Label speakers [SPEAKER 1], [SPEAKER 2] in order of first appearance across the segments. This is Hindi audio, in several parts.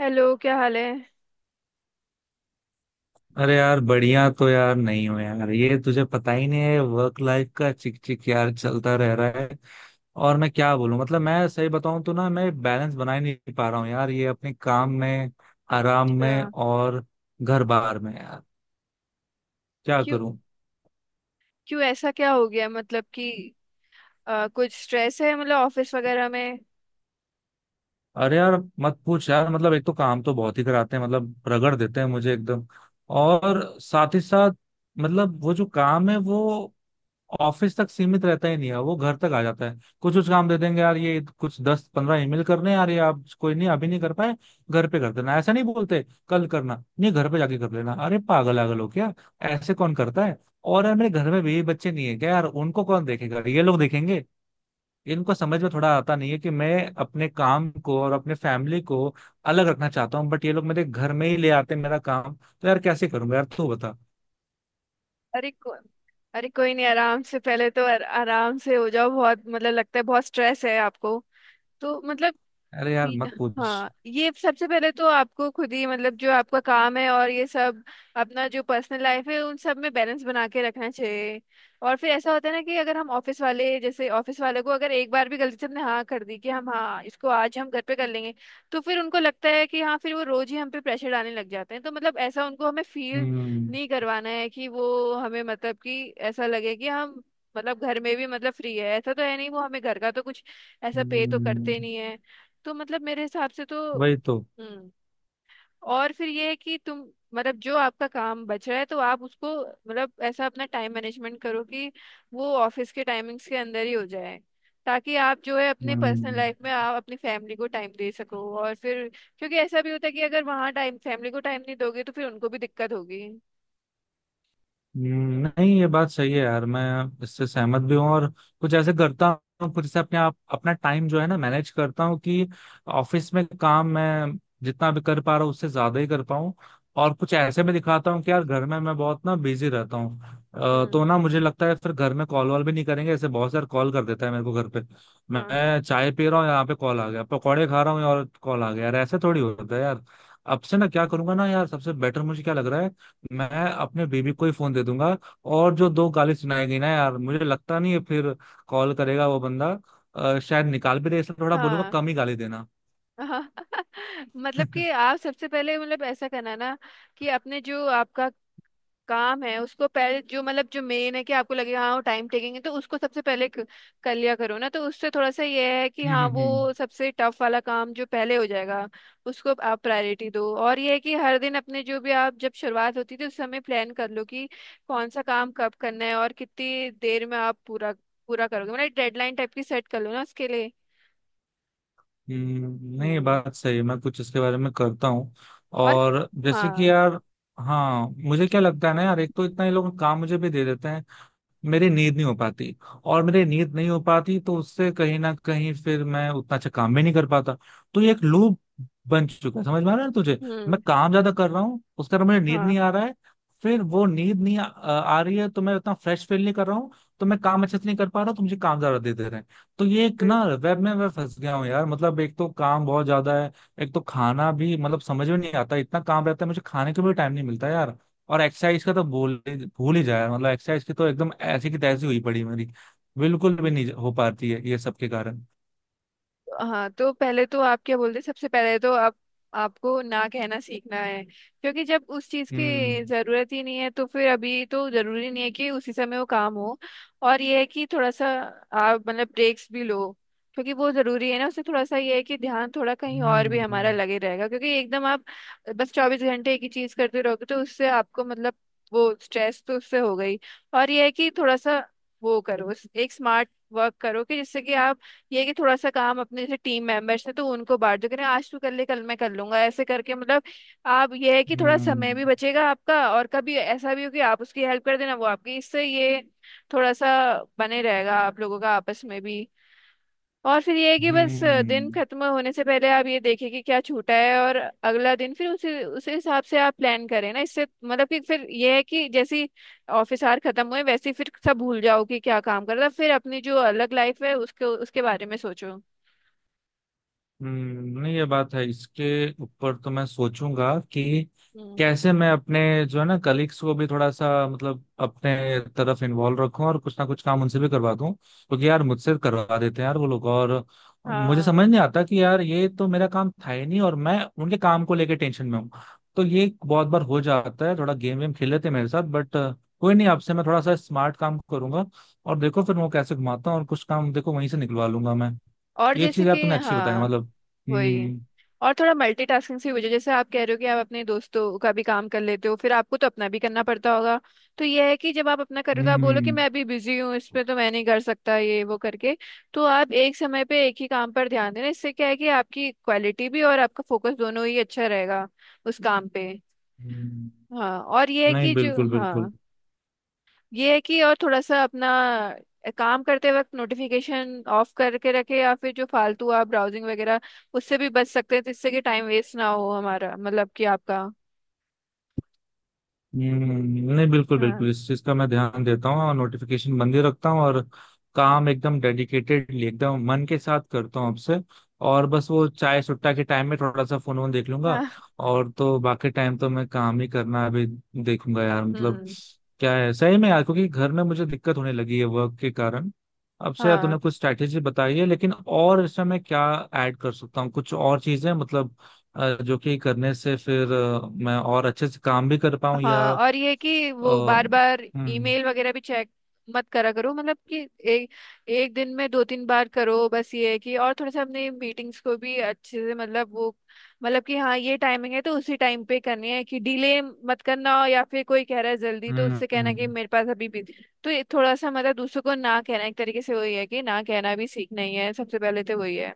[SPEAKER 1] हेलो, क्या हाल है?
[SPEAKER 2] अरे यार बढ़िया। तो यार नहीं हो यार, ये तुझे पता ही नहीं है, वर्क लाइफ का चिक चिक यार चलता रह रहा है। और मैं क्या बोलूं, मतलब मैं सही बताऊं तो ना, मैं बैलेंस बना ही नहीं पा रहा हूँ यार, ये अपने काम में, आराम में
[SPEAKER 1] अच्छा।
[SPEAKER 2] और घर बार में यार। क्या
[SPEAKER 1] क्यों?
[SPEAKER 2] करूं।
[SPEAKER 1] क्यों ऐसा क्या हो गया? मतलब कि कुछ स्ट्रेस है, मतलब ऑफिस वगैरह में?
[SPEAKER 2] अरे यार मत पूछ यार, मतलब एक तो काम तो बहुत ही कराते हैं, मतलब रगड़ देते हैं मुझे एकदम। और साथ ही साथ मतलब वो जो काम है वो ऑफिस तक सीमित रहता ही नहीं है, वो घर तक आ जाता है। कुछ कुछ काम दे देंगे यार, ये कुछ 10-15 ईमेल करने हैं यार, ये आप कोई नहीं अभी नहीं कर पाए घर पे कर देना। ऐसा नहीं बोलते, कल करना, नहीं घर पे जाके कर लेना। अरे पागल आगल हो क्या, ऐसे कौन करता है। और यार मेरे घर में भी बच्चे नहीं है क्या यार, उनको कौन देखेगा, ये लोग देखेंगे। इनको समझ में थोड़ा आता नहीं है कि मैं अपने काम को और अपने फैमिली को अलग रखना चाहता हूँ, बट ये लोग मेरे घर में ही ले आते हैं। मेरा काम तो यार कैसे करूंगा यार, तू बता।
[SPEAKER 1] अरे को, अरे कोई नहीं, आराम से। पहले तो आराम से हो जाओ। बहुत मतलब लगता है बहुत स्ट्रेस है आपको, तो मतलब
[SPEAKER 2] अरे यार
[SPEAKER 1] ठीक है।
[SPEAKER 2] मत पूछ।
[SPEAKER 1] हाँ, ये सबसे पहले तो आपको खुद ही मतलब जो आपका काम है और ये सब अपना जो पर्सनल लाइफ है, उन सब में बैलेंस बना के रखना चाहिए। और फिर ऐसा होता है ना कि अगर हम ऑफिस वाले, जैसे ऑफिस वाले को अगर एक बार भी गलती से हमने हाँ कर दी कि हम हाँ इसको आज हम घर पे कर लेंगे, तो फिर उनको लगता है कि हाँ, फिर वो रोज ही हम पे प्रेशर डालने लग जाते हैं। तो मतलब ऐसा उनको हमें फील
[SPEAKER 2] हम्म।
[SPEAKER 1] नहीं करवाना है कि वो हमें मतलब कि ऐसा लगे कि हम मतलब घर में भी मतलब फ्री है। ऐसा तो है नहीं, वो हमें घर का तो कुछ ऐसा पे तो
[SPEAKER 2] हम्म।
[SPEAKER 1] करते नहीं है। तो मतलब मेरे हिसाब से तो
[SPEAKER 2] वही तो।
[SPEAKER 1] हम्म। और फिर ये है कि तुम मतलब जो आपका काम बच रहा है, तो आप उसको मतलब ऐसा अपना टाइम मैनेजमेंट करो कि वो ऑफिस के टाइमिंग्स के अंदर ही हो जाए, ताकि आप जो है अपनी पर्सनल
[SPEAKER 2] हम्म।
[SPEAKER 1] लाइफ में आप अपनी फैमिली को टाइम दे सको। और फिर क्योंकि ऐसा भी होता है कि अगर वहाँ टाइम फैमिली को टाइम नहीं दोगे तो फिर उनको भी दिक्कत होगी।
[SPEAKER 2] हम्म। नहीं ये बात सही है यार, मैं इससे सहमत भी हूँ। और कुछ ऐसे करता हूँ, कुछ ऐसे अपने आप अपना टाइम जो है ना मैनेज करता हूँ कि ऑफिस में काम मैं जितना भी कर पा रहा हूँ उससे ज्यादा ही कर पाऊँ। और कुछ ऐसे में दिखाता हूँ कि यार घर में मैं बहुत ना बिजी रहता हूँ।
[SPEAKER 1] हम्म।
[SPEAKER 2] तो ना मुझे लगता है फिर घर में कॉल वॉल भी नहीं करेंगे। ऐसे बहुत सारे कॉल कर देता है मेरे को घर पे।
[SPEAKER 1] हाँ।
[SPEAKER 2] मैं चाय पी रहा हूँ यहाँ पे कॉल आ गया, पकौड़े खा रहा हूँ और कॉल आ गया। यार ऐसे थोड़ी होता है यार। अब से ना क्या करूंगा ना यार, सबसे बेटर मुझे क्या लग रहा है, मैं अपने बेबी को ही फोन दे दूंगा। और जो दो गाली सुनाई गई ना यार, मुझे लगता नहीं है फिर कॉल करेगा वो बंदा। शायद निकाल भी दे, इसलिए थोड़ा बोलूंगा
[SPEAKER 1] हाँ।
[SPEAKER 2] कम ही गाली देना।
[SPEAKER 1] हाँ। मतलब
[SPEAKER 2] हम्म।
[SPEAKER 1] कि आप सबसे पहले मतलब ऐसा करना ना कि अपने जो आपका काम है उसको पहले जो मतलब जो मेन है कि आपको लगेगा हाँ वो टाइम टेकिंग है, तो उसको सबसे पहले कर लिया करो ना। तो उससे थोड़ा सा ये है कि
[SPEAKER 2] हम्म।
[SPEAKER 1] हाँ,
[SPEAKER 2] हम्म।
[SPEAKER 1] वो सबसे टफ वाला काम जो पहले हो जाएगा, उसको आप प्रायोरिटी दो। और ये है कि हर दिन अपने जो भी आप जब शुरुआत होती थी उस समय प्लान कर लो कि कौन सा काम कब करना है और कितनी देर में आप पूरा पूरा करोगे, मतलब डेडलाइन टाइप की सेट कर लो ना उसके लिए।
[SPEAKER 2] हम्म। नहीं
[SPEAKER 1] हम्म।
[SPEAKER 2] बात सही है, मैं कुछ इसके बारे में करता हूँ।
[SPEAKER 1] और
[SPEAKER 2] और जैसे कि
[SPEAKER 1] हाँ।
[SPEAKER 2] यार, हाँ मुझे क्या लगता है ना यार, एक तो इतना ये लोग काम मुझे भी दे देते हैं, मेरी नींद नहीं हो पाती। और मेरी नींद नहीं हो पाती तो उससे कहीं ना कहीं फिर मैं उतना अच्छा काम भी नहीं कर पाता। तो ये एक लूप बन चुका है, समझ में आ रहा है ना तुझे। मैं
[SPEAKER 1] हम्म।
[SPEAKER 2] काम ज्यादा कर रहा हूँ, उसका मुझे नींद
[SPEAKER 1] हाँ।
[SPEAKER 2] नहीं आ रहा है। फिर वो नींद नहीं आ रही है, तो मैं उतना फ्रेश फील नहीं कर रहा हूँ। तो मैं काम अच्छे से नहीं कर पा रहा, तो मुझे काम ज्यादा दे दे रहे हैं। तो ये एक ना वेब में मैं फंस गया हूँ यार, मतलब एक तो काम बहुत ज्यादा है। एक तो खाना भी मतलब समझ में नहीं आता, इतना काम रहता है मुझे खाने को भी टाइम नहीं मिलता यार। और एक्सरसाइज का तो भूल भूल ही जाए, मतलब एक्सरसाइज की तो एकदम ऐसी की तैसी हुई पड़ी मेरी। बिल्कुल भी नहीं हो पाती है ये सब के कारण।
[SPEAKER 1] हाँ। तो पहले तो आप क्या बोलते हैं, सबसे पहले तो आप आपको ना कहना सीखना है, क्योंकि जब उस चीज
[SPEAKER 2] हम्म।
[SPEAKER 1] की जरूरत ही नहीं है तो फिर अभी तो जरूरी नहीं है कि उसी समय वो काम हो। और ये है कि थोड़ा सा आप मतलब ब्रेक्स भी लो, क्योंकि वो जरूरी है ना। उससे थोड़ा सा ये है कि ध्यान थोड़ा कहीं और भी हमारा
[SPEAKER 2] हम्म।
[SPEAKER 1] लगे रहेगा, क्योंकि एकदम आप बस 24 घंटे एक ही चीज करते रहोगे तो उससे आपको मतलब वो स्ट्रेस तो उससे हो गई। और ये है कि थोड़ा सा वो करो, एक स्मार्ट वर्क करो कि जिससे कि आप ये कि थोड़ा सा काम अपने जैसे टीम मेंबर्स हैं तो उनको बांट दो कि नहीं, आज तू कर ले कल मैं कर लूंगा। ऐसे करके मतलब आप ये है कि थोड़ा समय
[SPEAKER 2] हम्म।
[SPEAKER 1] भी बचेगा आपका, और कभी ऐसा भी हो कि आप उसकी हेल्प कर देना, वो आपकी। इससे ये थोड़ा सा बने रहेगा आप लोगों का आपस में भी। और फिर ये है कि बस दिन
[SPEAKER 2] हम्म।
[SPEAKER 1] खत्म होने से पहले आप ये देखें कि क्या छूटा है, और अगला दिन फिर उसी उसी हिसाब से आप प्लान करें ना। इससे मतलब कि फिर ये है कि जैसी ऑफिस आवर खत्म हुए वैसे ही फिर सब भूल जाओ कि क्या काम कर रहा था, फिर अपनी जो अलग लाइफ है उसके उसके बारे में सोचो।
[SPEAKER 2] हम्म। नहीं ये बात है, इसके ऊपर तो मैं सोचूंगा कि
[SPEAKER 1] हम्म।
[SPEAKER 2] कैसे मैं अपने जो है ना कलीग्स को भी थोड़ा सा मतलब अपने तरफ इन्वॉल्व रखूं, और कुछ ना कुछ काम उनसे भी करवा दूं। क्योंकि यार मुझसे करवा देते हैं यार वो लोग, और मुझे
[SPEAKER 1] हाँ।
[SPEAKER 2] समझ नहीं आता कि यार ये तो मेरा काम था ही नहीं, और मैं उनके काम को लेके टेंशन में हूँ। तो ये बहुत बार हो जाता है, थोड़ा गेम वेम खेल लेते हैं मेरे साथ, बट कोई नहीं, आपसे मैं थोड़ा सा स्मार्ट काम करूंगा। और देखो फिर वो कैसे घुमाता हूँ और कुछ काम देखो वहीं से निकलवा लूंगा मैं।
[SPEAKER 1] और
[SPEAKER 2] ये
[SPEAKER 1] जैसे
[SPEAKER 2] चीज यार
[SPEAKER 1] कि
[SPEAKER 2] तुमने अच्छी बताई
[SPEAKER 1] हाँ,
[SPEAKER 2] मतलब।
[SPEAKER 1] वही।
[SPEAKER 2] हम्म।
[SPEAKER 1] और थोड़ा मल्टीटास्किंग से हो जाए, जैसे आप कह रहे हो कि आप अपने दोस्तों का भी काम कर लेते हो, फिर आपको तो अपना भी करना पड़ता होगा। तो यह है कि जब आप अपना करो तो आप बोलो कि
[SPEAKER 2] हम्म।
[SPEAKER 1] मैं अभी बिजी हूँ, इस पे तो मैं नहीं कर सकता, ये वो करके। तो आप एक समय पे एक ही काम पर ध्यान देना, इससे क्या है कि आपकी क्वालिटी भी और आपका फोकस दोनों ही अच्छा रहेगा उस काम पे।
[SPEAKER 2] हम्म।
[SPEAKER 1] हाँ। और यह है
[SPEAKER 2] नहीं
[SPEAKER 1] कि जो
[SPEAKER 2] बिल्कुल बिल्कुल।
[SPEAKER 1] हाँ, ये है कि और थोड़ा सा अपना काम करते वक्त नोटिफिकेशन ऑफ करके रखे, या फिर जो फालतू आप ब्राउजिंग वगैरह, उससे भी बच सकते हैं जिससे कि टाइम वेस्ट ना हो हमारा, मतलब कि आपका।
[SPEAKER 2] हम्म। नहीं बिल्कुल
[SPEAKER 1] हाँ।
[SPEAKER 2] बिल्कुल, इस चीज का मैं ध्यान देता हूँ और नोटिफिकेशन बंद ही रखता हूँ। और काम एकदम डेडिकेटेडली एकदम मन के साथ करता हूँ आपसे। और बस वो चाय सुट्टा के टाइम में थोड़ा सा फोन वोन देख लूंगा।
[SPEAKER 1] हाँ।
[SPEAKER 2] और तो बाकी टाइम तो मैं काम ही करना अभी देखूंगा यार, मतलब
[SPEAKER 1] हम्म।
[SPEAKER 2] क्या है सही में यार, क्योंकि घर में मुझे दिक्कत होने लगी है वर्क के कारण। अब से यार तूने
[SPEAKER 1] हाँ।
[SPEAKER 2] कुछ स्ट्रैटेजी बताई है लेकिन, और इसमें मैं क्या ऐड कर सकता हूँ कुछ और चीजें, मतलब जो कि करने से फिर मैं और अच्छे से काम भी कर पाऊं या
[SPEAKER 1] हाँ। और ये कि वो बार बार
[SPEAKER 2] हम्म।
[SPEAKER 1] ईमेल वगैरह भी चेक मत करा करो, मतलब कि एक एक दिन में दो तीन बार करो बस। ये है कि और थोड़ा सा अपने मीटिंग्स को भी अच्छे से मतलब वो मतलब कि हाँ, ये टाइमिंग है तो उसी टाइम पे करनी है कि डिले मत करना हो, या फिर कोई कह रहा है जल्दी तो
[SPEAKER 2] हम्म।
[SPEAKER 1] उससे कहना कि
[SPEAKER 2] हम्म।
[SPEAKER 1] मेरे पास अभी भी। तो ये थोड़ा सा मतलब दूसरों को ना कहना एक तरीके से वही है कि ना कहना भी सीखना ही है। सबसे पहले तो वही है।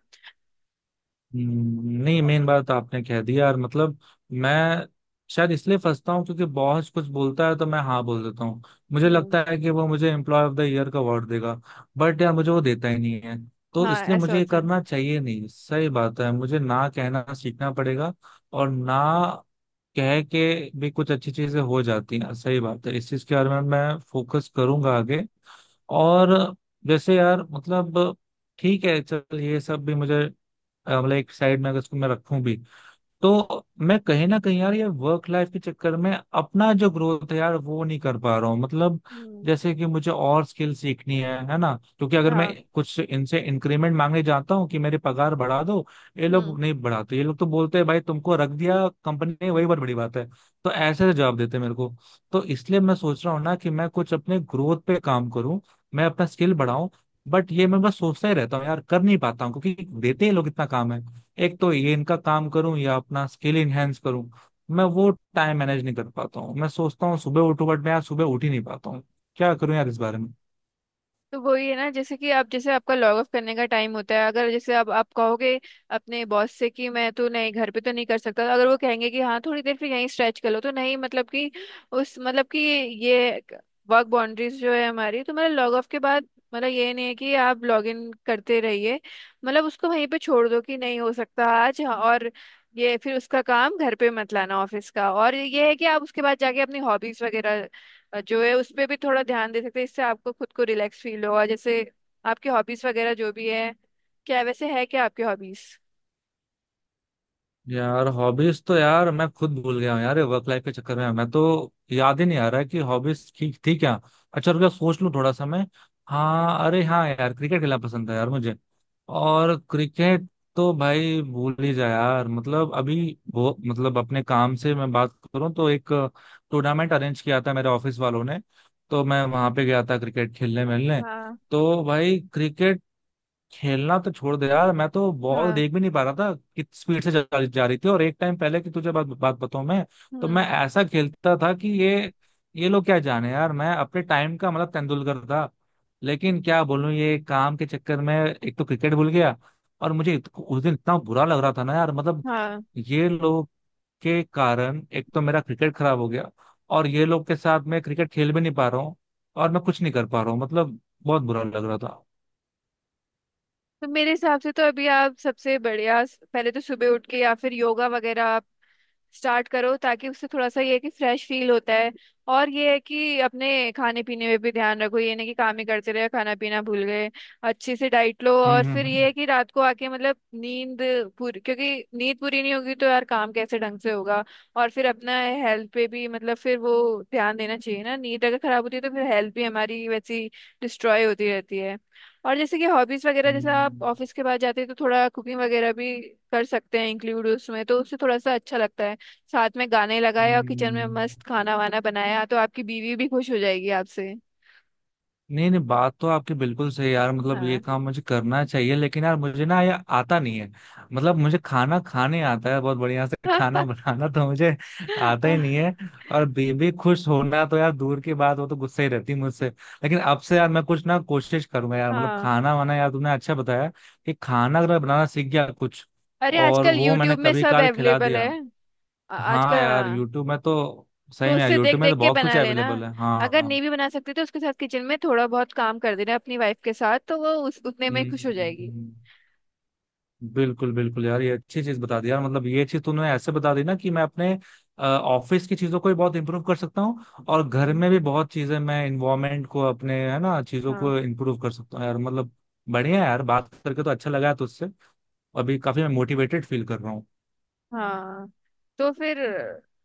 [SPEAKER 2] हम्म। नहीं मेन बात आपने कह दी यार, मतलब मैं शायद इसलिए फंसता हूँ क्योंकि बॉस कुछ बोलता है तो मैं हाँ बोल देता हूँ। मुझे
[SPEAKER 1] हम्म।
[SPEAKER 2] लगता है कि वो मुझे एम्प्लॉय ऑफ द ईयर का अवार्ड देगा, बट यार मुझे वो देता ही नहीं है। तो
[SPEAKER 1] हाँ,
[SPEAKER 2] इसलिए
[SPEAKER 1] ऐसा
[SPEAKER 2] मुझे ये
[SPEAKER 1] होता है।
[SPEAKER 2] करना चाहिए, नहीं सही बात है, मुझे ना कहना सीखना पड़ेगा। और ना कह के भी कुछ अच्छी चीजें हो जाती हैं, सही बात है, इस चीज के बारे में मैं फोकस करूंगा आगे। और जैसे यार मतलब, ठीक है चल ये सब भी मुझे, मतलब एक साइड में अगर इसको मैं रखूं भी, तो मैं कहीं ना कहीं यार ये वर्क लाइफ के चक्कर में अपना जो ग्रोथ है यार वो नहीं कर पा रहा हूँ मतलब।
[SPEAKER 1] हम्म।
[SPEAKER 2] जैसे कि मुझे और स्किल सीखनी है ना, क्योंकि अगर मैं
[SPEAKER 1] हाँ।
[SPEAKER 2] कुछ इनसे इंक्रीमेंट मांगने जाता हूँ कि मेरी पगार बढ़ा दो, ये
[SPEAKER 1] हम्म।
[SPEAKER 2] लोग नहीं बढ़ाते, ये लोग तो बोलते हैं भाई तुमको रख दिया कंपनी ने वही बहुत बड़ी बात है। तो ऐसे जवाब देते हैं मेरे को। तो इसलिए मैं सोच रहा हूँ ना कि मैं कुछ अपने ग्रोथ पे काम करूँ, मैं अपना स्किल बढ़ाऊं, बट ये मैं बस सोचता ही रहता हूँ यार, कर नहीं पाता हूँ, क्योंकि देते ही लोग इतना काम है। एक तो ये इनका काम करूं या अपना स्किल इनहेंस करूं, मैं वो टाइम मैनेज नहीं कर पाता हूँ। मैं सोचता हूँ सुबह उठूं, बट मैं आज सुबह उठ ही नहीं पाता हूँ। क्या करूं यार इस बारे में।
[SPEAKER 1] तो वही है ना, जैसे कि आप जैसे आपका लॉग ऑफ करने का टाइम होता है, अगर जैसे आप कहोगे अपने बॉस से कि मैं तो नहीं घर पे तो नहीं कर सकता, अगर वो कहेंगे कि हाँ थोड़ी देर फिर यहीं स्ट्रेच कर लो, तो नहीं मतलब कि उस मतलब कि ये वर्क बाउंड्रीज जो है हमारी, तो मतलब लॉग ऑफ के बाद मतलब ये नहीं है कि आप लॉग इन करते रहिए। मतलब उसको वहीं पे छोड़ दो कि नहीं हो सकता आज। हाँ, और ये फिर उसका काम घर पे मत लाना ऑफिस का। और ये है कि आप उसके बाद जाके अपनी हॉबीज वगैरह जो है उस पे भी थोड़ा ध्यान दे सकते हैं। इससे आपको खुद को रिलैक्स फील होगा। जैसे आपकी हॉबीज वगैरह जो भी है, क्या वैसे है क्या आपकी हॉबीज?
[SPEAKER 2] यार हॉबीज तो यार मैं खुद भूल गया हूँ यार, वर्क लाइफ के चक्कर में मैं तो याद ही नहीं आ रहा है कि हॉबीज ठीक थी क्या। अच्छा रुक जा, सोच लूँ थोड़ा सा मैं। हाँ अरे हाँ यार, क्रिकेट खेलना पसंद है यार मुझे। और क्रिकेट तो भाई भूल ही जा यार, मतलब अभी वो मतलब अपने काम से मैं बात करूँ तो एक टूर्नामेंट अरेंज किया था मेरे ऑफिस वालों ने, तो मैं वहां पे गया था क्रिकेट खेलने मिलने।
[SPEAKER 1] हाँ।
[SPEAKER 2] तो भाई क्रिकेट खेलना तो छोड़ दे यार, मैं तो बॉल
[SPEAKER 1] हाँ।
[SPEAKER 2] देख भी नहीं पा रहा था कितनी स्पीड से जा रही थी। और एक टाइम पहले की तुझे बात बात बताऊं मैं, तो मैं
[SPEAKER 1] हम्म।
[SPEAKER 2] ऐसा खेलता था कि ये लोग क्या जाने यार, मैं अपने टाइम का मतलब तेंदुलकर था। लेकिन क्या बोलूं, ये काम के चक्कर में एक तो क्रिकेट भूल गया, और मुझे उस दिन इतना बुरा लग रहा था ना यार, मतलब
[SPEAKER 1] हाँ।
[SPEAKER 2] ये लोग के कारण एक तो मेरा क्रिकेट खराब हो गया, और ये लोग के साथ मैं क्रिकेट खेल भी नहीं पा रहा हूँ, और मैं कुछ नहीं कर पा रहा हूँ, मतलब बहुत बुरा लग रहा था।
[SPEAKER 1] तो मेरे हिसाब से तो अभी आप सबसे बढ़िया पहले तो सुबह उठ के या फिर योगा वगैरह स्टार्ट करो, ताकि उससे थोड़ा सा ये है कि फ्रेश फील होता है। और ये है कि अपने खाने पीने में भी ध्यान रखो, ये नहीं कि काम ही करते रहे खाना पीना भूल गए। अच्छे से डाइट लो,
[SPEAKER 2] हम्म।
[SPEAKER 1] और
[SPEAKER 2] हम्म।
[SPEAKER 1] फिर ये
[SPEAKER 2] हम्म।
[SPEAKER 1] है कि रात को आके मतलब नींद पूरी, क्योंकि नींद पूरी नहीं होगी तो यार काम कैसे ढंग से होगा। और फिर अपना हेल्थ पे भी मतलब फिर वो ध्यान देना चाहिए ना। नींद अगर खराब होती है तो फिर हेल्थ भी हमारी वैसी डिस्ट्रॉय होती रहती है। और जैसे कि हॉबीज वगैरह जैसे आप
[SPEAKER 2] हम्म।
[SPEAKER 1] ऑफिस के बाद जाते हैं, तो थोड़ा कुकिंग वगैरह भी कर सकते हैं इंक्लूड उसमें, तो उससे थोड़ा सा अच्छा लगता है। साथ में गाने लगाए और किचन में मस्त
[SPEAKER 2] हम्म।
[SPEAKER 1] खाना वाना बनाया तो आपकी बीवी भी खुश हो जाएगी आपसे।
[SPEAKER 2] नहीं नहीं, बात तो आपकी बिल्कुल सही है यार, मतलब ये
[SPEAKER 1] हाँ।
[SPEAKER 2] काम मुझे करना चाहिए लेकिन यार मुझे ना ये आता नहीं है, मतलब मुझे खाना खाने आता है बहुत बढ़िया से, खाना बनाना तो मुझे आता ही नहीं है। और बेबी खुश होना तो यार दूर की बात, वो तो गुस्सा ही रहती है मुझसे। लेकिन अब से यार मैं कुछ ना कोशिश करूंगा यार, मतलब
[SPEAKER 1] हाँ।
[SPEAKER 2] खाना वाना यार तुमने अच्छा बताया कि खाना अगर मैं बनाना सीख गया कुछ,
[SPEAKER 1] अरे
[SPEAKER 2] और
[SPEAKER 1] आजकल
[SPEAKER 2] वो मैंने
[SPEAKER 1] यूट्यूब में
[SPEAKER 2] कभी
[SPEAKER 1] सब
[SPEAKER 2] काल खिला
[SPEAKER 1] अवेलेबल है।
[SPEAKER 2] दिया। हाँ
[SPEAKER 1] आजकल
[SPEAKER 2] यार
[SPEAKER 1] हाँ,
[SPEAKER 2] यूट्यूब में तो,
[SPEAKER 1] तो
[SPEAKER 2] सही में यार
[SPEAKER 1] उससे देख
[SPEAKER 2] यूट्यूब में तो
[SPEAKER 1] देख के
[SPEAKER 2] बहुत कुछ
[SPEAKER 1] बना लेना।
[SPEAKER 2] अवेलेबल है,
[SPEAKER 1] अगर
[SPEAKER 2] हाँ।
[SPEAKER 1] नहीं भी बना सकते तो उसके साथ किचन में थोड़ा बहुत काम कर देना अपनी वाइफ के साथ, तो वो उस उतने में खुश हो जाएगी।
[SPEAKER 2] हम्म। बिल्कुल बिल्कुल यार, ये अच्छी चीज बता दी यार, मतलब ये चीज तूने ऐसे बता दी ना कि मैं अपने ऑफिस की चीजों को भी बहुत इंप्रूव कर सकता हूँ, और घर
[SPEAKER 1] हम्म।
[SPEAKER 2] में भी बहुत चीजें मैं इन्वायरमेंट को अपने है ना चीजों
[SPEAKER 1] हाँ।
[SPEAKER 2] को इंप्रूव कर सकता हूँ यार, मतलब बढ़िया है यार। बात करके तो अच्छा लगा है तुझसे, अभी काफी मैं मोटिवेटेड फील कर रहा हूँ।
[SPEAKER 1] हाँ, तो फिर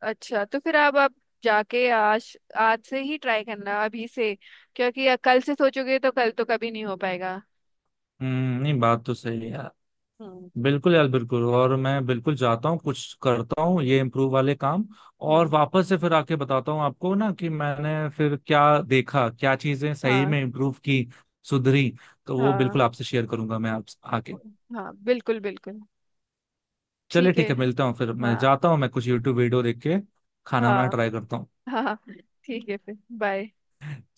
[SPEAKER 1] अच्छा तो फिर अब आप जाके आज आज से ही ट्राई करना अभी से, क्योंकि कल से सोचोगे तो कल तो कभी नहीं हो पाएगा।
[SPEAKER 2] हम्म। नहीं बात तो सही है यार,
[SPEAKER 1] हम्म।
[SPEAKER 2] बिल्कुल यार बिल्कुल, और मैं बिल्कुल जाता हूँ कुछ करता हूँ ये इम्प्रूव वाले काम। और
[SPEAKER 1] हम्म।
[SPEAKER 2] वापस से फिर आके बताता हूँ आपको ना कि मैंने फिर क्या देखा, क्या चीजें सही
[SPEAKER 1] हाँ।
[SPEAKER 2] में इम्प्रूव की, सुधरी। तो वो
[SPEAKER 1] हाँ।
[SPEAKER 2] बिल्कुल आपसे शेयर करूंगा मैं, आप आके।
[SPEAKER 1] हाँ, बिल्कुल बिल्कुल।
[SPEAKER 2] चलिए
[SPEAKER 1] ठीक है।
[SPEAKER 2] ठीक है, मिलता हूँ फिर, मैं
[SPEAKER 1] हाँ।
[SPEAKER 2] जाता हूँ, मैं कुछ यूट्यूब वीडियो देख के खाना वाना
[SPEAKER 1] हाँ।
[SPEAKER 2] ट्राई करता हूँ।
[SPEAKER 1] हाँ। ठीक है, फिर बाय।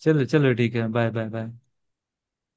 [SPEAKER 2] चलिए चलिए ठीक है, बाय बाय बाय।